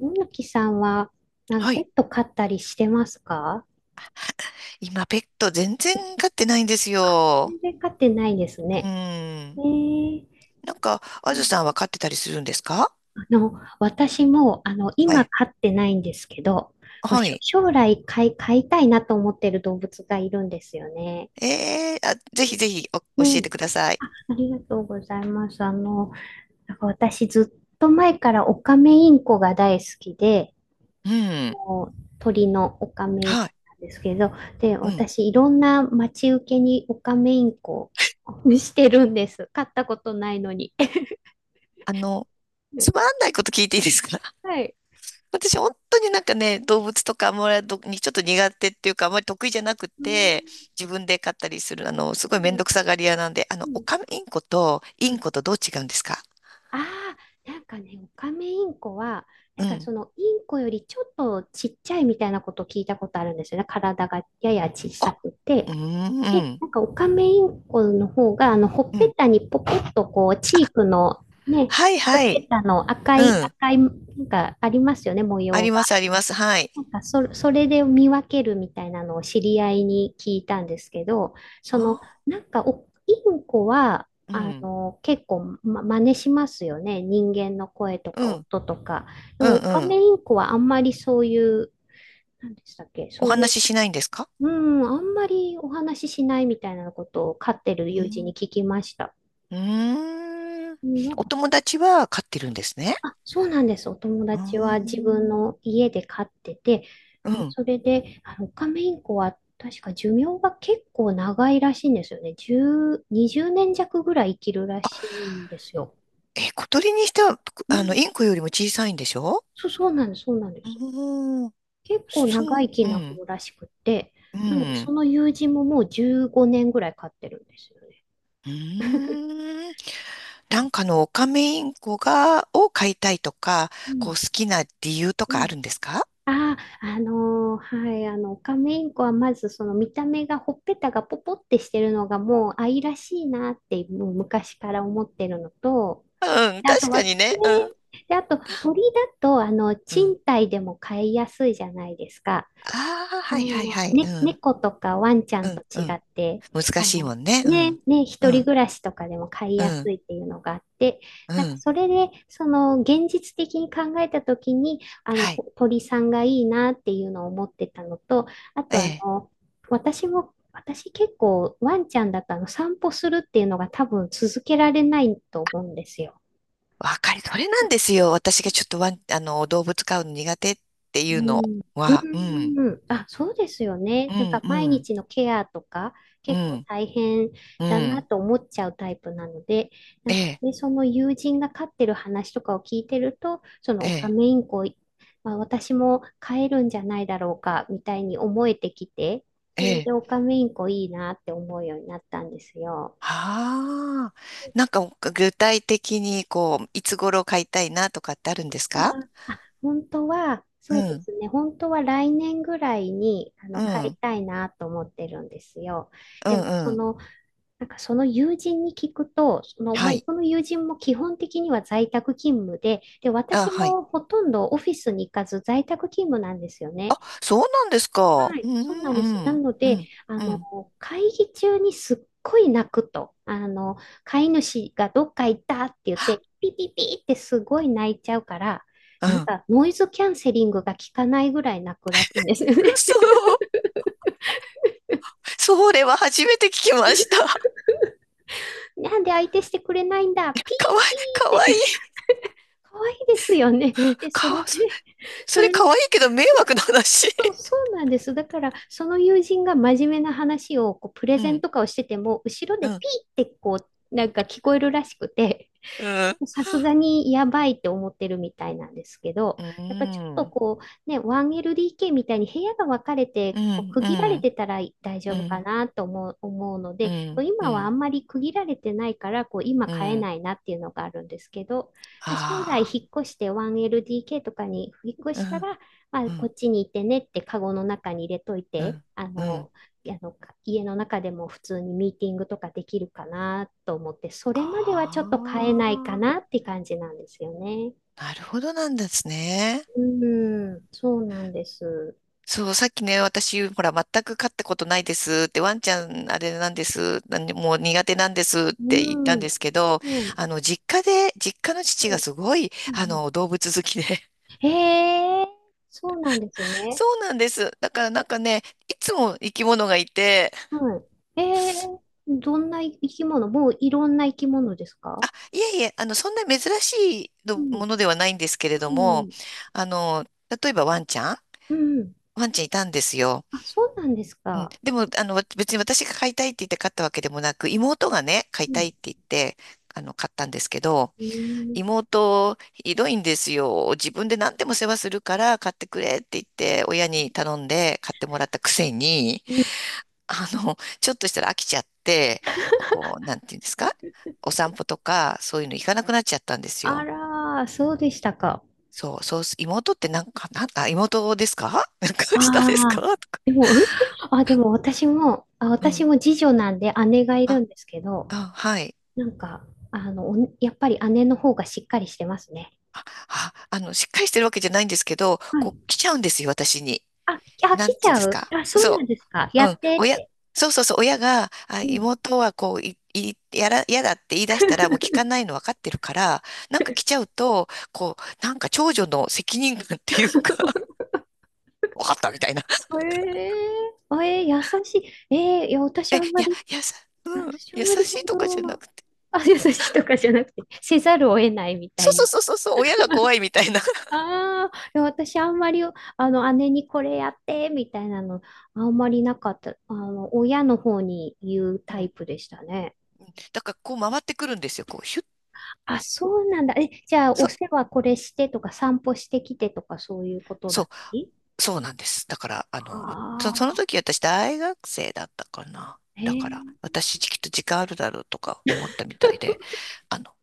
野木さんは、なんかはペい。ット飼ったりしてますか？今、ペット全然飼ってないんですよ。全然飼ってないですうね。えん。ー、なんか、あずさんは飼ってたりするんですか？あの、私も、は今い。飼ってないんですけど、こうはしょい。将来飼い、飼いたいなと思ってる動物がいるんですよね。ええ、あ、ぜひぜひお教うえてん、ください。ありがとうございます。なんか私ずっと前からオカメインコが大好きで、うん。こう鳥のオカメインコはい。なんですけど、で、うん。私、いろんな待ち受けにオカメインコをしてるんです。飼ったことないのに。あの、つ まんないこと聞いていいですか？ はい。私、本当になんかね、動物とかあんまりどにちょっと苦手っていうか、あんまり得意じゃなくうんて、自分で飼ったりする、すごういめんどんくさがり屋なんで、うオんカメインコとうインんコとどう違うんですか？ああ、なんかね、オカメインコは、なうんかそん。のインコよりちょっとちっちゃいみたいなことを聞いたことあるんですよね。体がやや小さあ、くうーて。ん、で、うん。なんかオカメインコの方が、ほっうぺん、たにポコッとこう、チークのね、はいほはっぺい。たの赤うい、ん。赤い、なんかありますよね、模あ様りが。ます、あります。はい。それで見分けるみたいなのを知り合いに聞いたんですけど、そあの、なんかお、インコは、あ、うん。結構、ま、真似しますよね。人間の声とうかん、音とか。でうも、オカん、うメん。インコはあんまりそういう、なんでしたっけ、おそういう、話ししないんですか？うん、あんまりお話ししないみたいなことを飼ってるう友人にん。聞きました。うーん。うん、んお友達は飼ってるんですね。そうなんです。お友う達ーは自分ん。の家で飼ってて、うん。それで、オカメインコは確か寿命が結構長いらしいんですよね。10、20年弱ぐらい生きるらしいんですよ。え、小鳥にしては、うん。インコよりも小さいんでしょ？そう、そうなんです。そうなんでうす。ーん。結構そ長う、生きうなん、方らしくて、うなので、そん。の友人ももう15年ぐらい飼ってるんですよね。うーん。なんかのオカメインコが、を飼いたいとか、うこうん。好きな理由とうかあん。るんですか？はい、オカメインコはまずその見た目がほっぺたがポポってしてるのがもう愛らしいなって、もう昔から思ってるのと、うん、であと確かは、ね、にね。うん。で、あと鳥だと、うん、賃貸でも飼いやすいじゃないですか。ああ、はいはいはい。うん。猫とかワンちゃうんとん。違うん。って、難あしいの、もんね。うん。ね、う一人ん。暮らしとかでも飼いうやすん。いっていうのがあって、うなんかん。それで、その、現実的に考えたときに、はい。鳥さんがいいなっていうのを思ってたのと、あえと、え。私も、私結構ワンちゃんだと散歩するっていうのが多分続けられないと思うんですよ。わかり、それなんですよ。私がちょっとワン、動物飼うの苦手ってういうのん、は。うん。うん、あ、そうですよね。うなんん。か毎うん。日のケアとかう結構ん。大変うだなん。と思っちゃうタイプなので、なえんかえ。ね、その友人が飼ってる話とかを聞いてると、そのえオカメえ。インコ、まあ、私も飼えるんじゃないだろうかみたいに思えてきて、えそれえ。でオカメインコいいなって思うようになったんですよ。はあ。なんか具体的に、こう、いつ頃飼いたいなとかってあるんですか？本当は、うそうでん。すね、本当は来年ぐらいにう買いん。たいなと思ってるんですよ。うでも、ん。そうん。の、なんかその友人に聞くと、その、まはあ、い。この友人も基本的には在宅勤務で、で、あ、私はい。もほとんどオフィスに行かず在宅勤務なんですよね。そうなんですはか？うい、そうん、なんです。なうん、のうで、ん、あうの、ん、会議中にすっごい泣くと、飼い主がどっか行ったって言って、ピピピってすごい泣いちゃうから、うなんん。かノイズキャンセリングが効かないぐらい泣くらしいんですよね。そう、それは初めて聞きました。なんで相手してくれないんだ、ピ かーわいい、かピーわっいて。い。可愛いですよね。うん、で、そかれわ、そ、で、そそれれかわいいけど迷惑な話。そう、そうなんです。だから、その友人が真面目な話をこうプレうゼンん、とかをしてても、後ろうでピん、ーってこう、なんか聞こえるらしくて、うん、さすがにやばいって思ってるみたいなんですけど、うやっぱちょっとん、こう、ね、1LDK みたいに部屋が分かれて、うこうん、区う切られん、てたら大丈うん、う夫かん、なと思うのうで、今はあん、んまり区切られてないから、こう今う買えん、ないなっていうのがあるんですけど、まあ、将来あ引っ越して 1LDK とかに引っ越したあ、ら、あ、うん、うこん、っちにいてねってカゴの中に入れというて、ん、うん、あの、家の中でも普通にミーティングとかできるかなと思って、それまではちょっと買えないかあなって感じなんですよね。あ、なるほどなんですね。うん、そうなんです。そう、さっきね、私、ほら、全く飼ったことないですって、ワンちゃん、あれなんです、なんでもう苦手なんですっうて言っん、たうんでん、すけど、うん。実家で、実家の父がすごい、うん動物好きで。へえ、そうなんですね。そうなんです。だからなんかね、いつも生き物がいて、はい。ええ、どんな生き物？もういろんな生き物ですか？あ、いえいえ、そんな珍しいうのん、ものではないんですけれどうも、ん、あの、例えばワンちゃん、うん。ワンちゃんいたんですよ。あ、そうなんですうん、か。でも、別に私が買いたいって言って買ったわけでもなく、妹がね、買いうたいん。って言って、買ったんですけど、うん妹、ひどいんですよ。自分で何でも世話するから買ってくれって言って、親に頼んで買ってもらったくせに、うん。ちょっとしたら飽きちゃって、こう、なんていうんですか？お散歩とか、そういうの行かなくなっちゃったんですあよ。らー、そうでしたか。そう、そうす、妹ってなんか、なん、あ、妹ですか？ なんか下ですあかあ、とか。でも、あ、でも私も、あ、う私ん。も次女なんで姉がいるあ、んですけど、あ、はい。なんか、やっぱり姉の方がしっかりしてますね。あ、しっかりしてるわけじゃないんですけど、はこい。う来ちゃうんですよ、私に。あ、来なんちていうんゃですう？か。あ、そうなそんですか。やう。うっん。てっ親、て。そうそうそう、親が、あ、うん。妹はこう、い、い、やら、やだって言い出したら、もう聞か ないの分かってるから、なんか来ちゃうと、こう、なんか長女の責任感っていうか、分かったみたいな。えー、えー、優しい。えー、いや、え、いや、いやさ、うん、私あん優まりしそいとかじゃなの、くて。あ、優しいとかじゃなくて、せざるを得ないみたそいな。うそうそうそう、そう、親が怖いみたいな。ああ、いや私あんまり、姉にこれやって、みたいなの、あんまりなかった。親の方に言うタうイん。プでしたね。だからこう回ってくるんですよ、こう、ヒュッ。あ、そうなんだ。え、じゃあ、そおう、世話これしてとか、散歩してきてとか、そういうことだそっう。たり？そうなんです。だから、そ、そのああ時私大学生だったかな。ー、えだから、ー、私きっと時間あるだろうとか思ったみたいで、あの、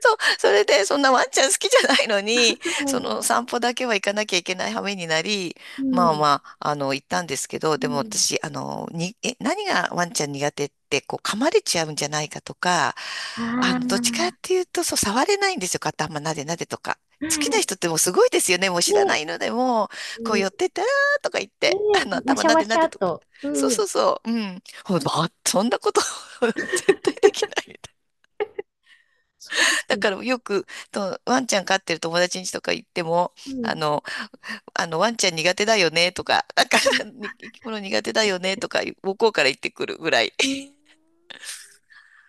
そう、それで、そんなワンちゃん好きじゃないのに、はそい。の散歩だけは行かなきゃいけない羽目になり、うまあん、まあ、行ったんですけど、うでもん。私、あの、に、え、何がワンちゃん苦手って、こう、噛まれちゃうんじゃないかとか、あどっちかっあ、ていうと、そう、触れないんですよ、頭なでなでとか。好きなは人ってもうすごいですよね、もう知らい。なね、いのでも、こうう寄ん、ってったらーとか言って、ね、わし頭ゃなわでしなゃでとか。と。そううそん、うそう、うん。ほんまあそんなこと 絶対できない。そうですだね。からよく、と、ワンちゃん飼ってる友達に家とか行っても、うあん、の、ワンちゃん苦手だよねとか、なんか、う ん、に生き物苦手だよねとか、向こうから言ってくるぐらい。うん。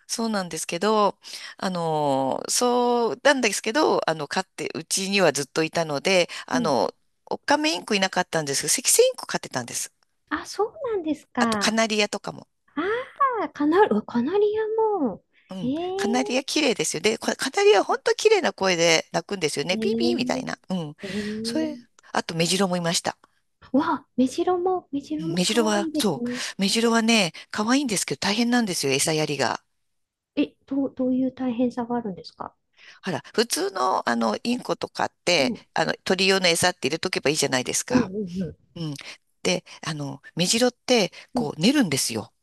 そうなんですけど、そうなんですけど、飼って、うちにはずっといたので、うんオカメインコいなかったんですけど、セキセイインコ飼ってたんです。あ、そうなんですあと、カか。ナリアとかも。ああ、カナル、うわカナリアも。うえん。カナえリア綺麗ですよね。でカナリア本当綺麗な声で鳴くんですよえね。ピーピーみたーいな。うん。えそれ、ーあとメジロもいました。うわ、メジロもメジ可ロ愛は、いですそう。ね。メジロはね、可愛いんですけど大変なんですよ、餌やりが。え、どういう大変さがあるんですか？ほら、普通の、インコとかっうん、うて、ん、鳥用の餌って入れとけばいいじゃないですうか。ん、うん。うん。で、メジロって、うこんう、寝るんですよ。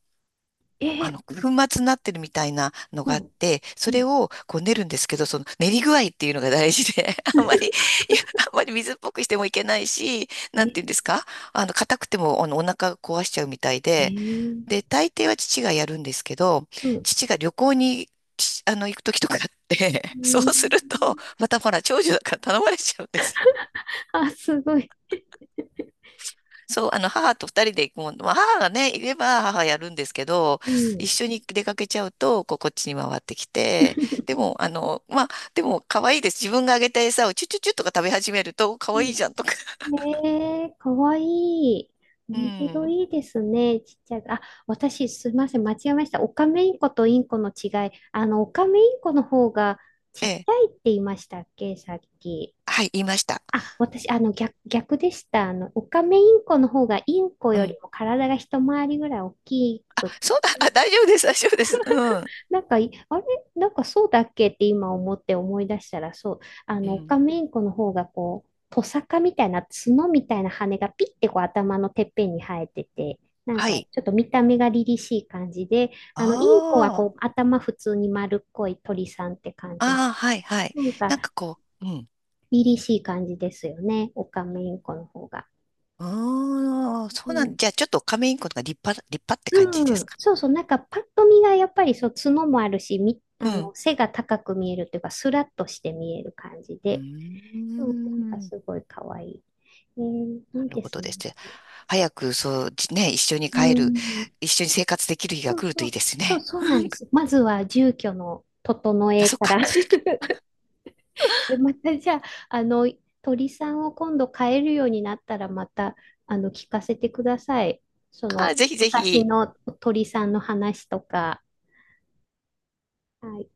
えー、粉末になってるみたいなのうがあっん、て、そうれん、をこう練るんですけど、その練り具合っていうのが大事で、あんまり、いや、あんまり水っぽくしてもいけないし、なんえ、ていうんですか？硬くても、お腹壊しちゃうみたいえで、ー、で、大抵は父がやるんですけど、うん。父が旅行に、ち行く時とかあって、う そうすんると、またほら、長女だから頼まれちゃうんです。あ、すごい。そう、母と二人で行くもん、まあ、母がね、いれば母やるんですけど、う一ん、緒に出かけちゃうと、こう、こっちに回ってきて、でも、まあ、でも、可愛いです。自分があげた餌をチュチュチュとか食べ始めると、可う愛いんじゃんとか。ねえ、かわいい。う目白ん。いいですね。ちっちゃい。あ、私、すいません。間違えました。オカメインコとインコの違い。オカメインコの方がちえっちえ。ゃいって言いましたっけ、さっき。はい、言いました。あ、私、逆でした。オカメインコの方がインコうよりん。も体が一回りぐらい大きあ、くっそうだ。あ、大丈夫です。大丈夫です。うん。なんかい、あれなんかそうだっけって今思って思い出したら、そう、うオん。カメインコの方がこう、トサカみたいな角みたいな羽がピッてこう頭のてっぺんに生えてて、なんはかい。ちょっと見た目が凛々しい感じで、インコはああ。こう頭普通に丸っこい鳥さんって感じの、ああ、はい、はい。なんかなんかこう、うん。凛々しい感じですよね、オカメインコの方が。うーん。そううなん。ん、じゃあ、ちょっとカメインコが立派、立派って感じうですん、か？そうそう、なんかパッと見がやっぱりそう角もあるし、み、あうん。の背が高く見えるというか、スラッとして見える感じうーで、うん、なんかん、なすごい可愛い。えー、いいるでほすどね。ですね。早く、そう、じね、一緒にう帰る、ん。一緒に生活できる日がそう来るとそいいう。ですそう、ね。そうなんで す。まずは住居の整あ、えそっかか、ら。そっちか。で、またじゃあ、あの、鳥さんを今度飼えるようになったら、また、聞かせてください。そあー、の、ぜひぜ昔ひ。の鳥さんの話とか。はい。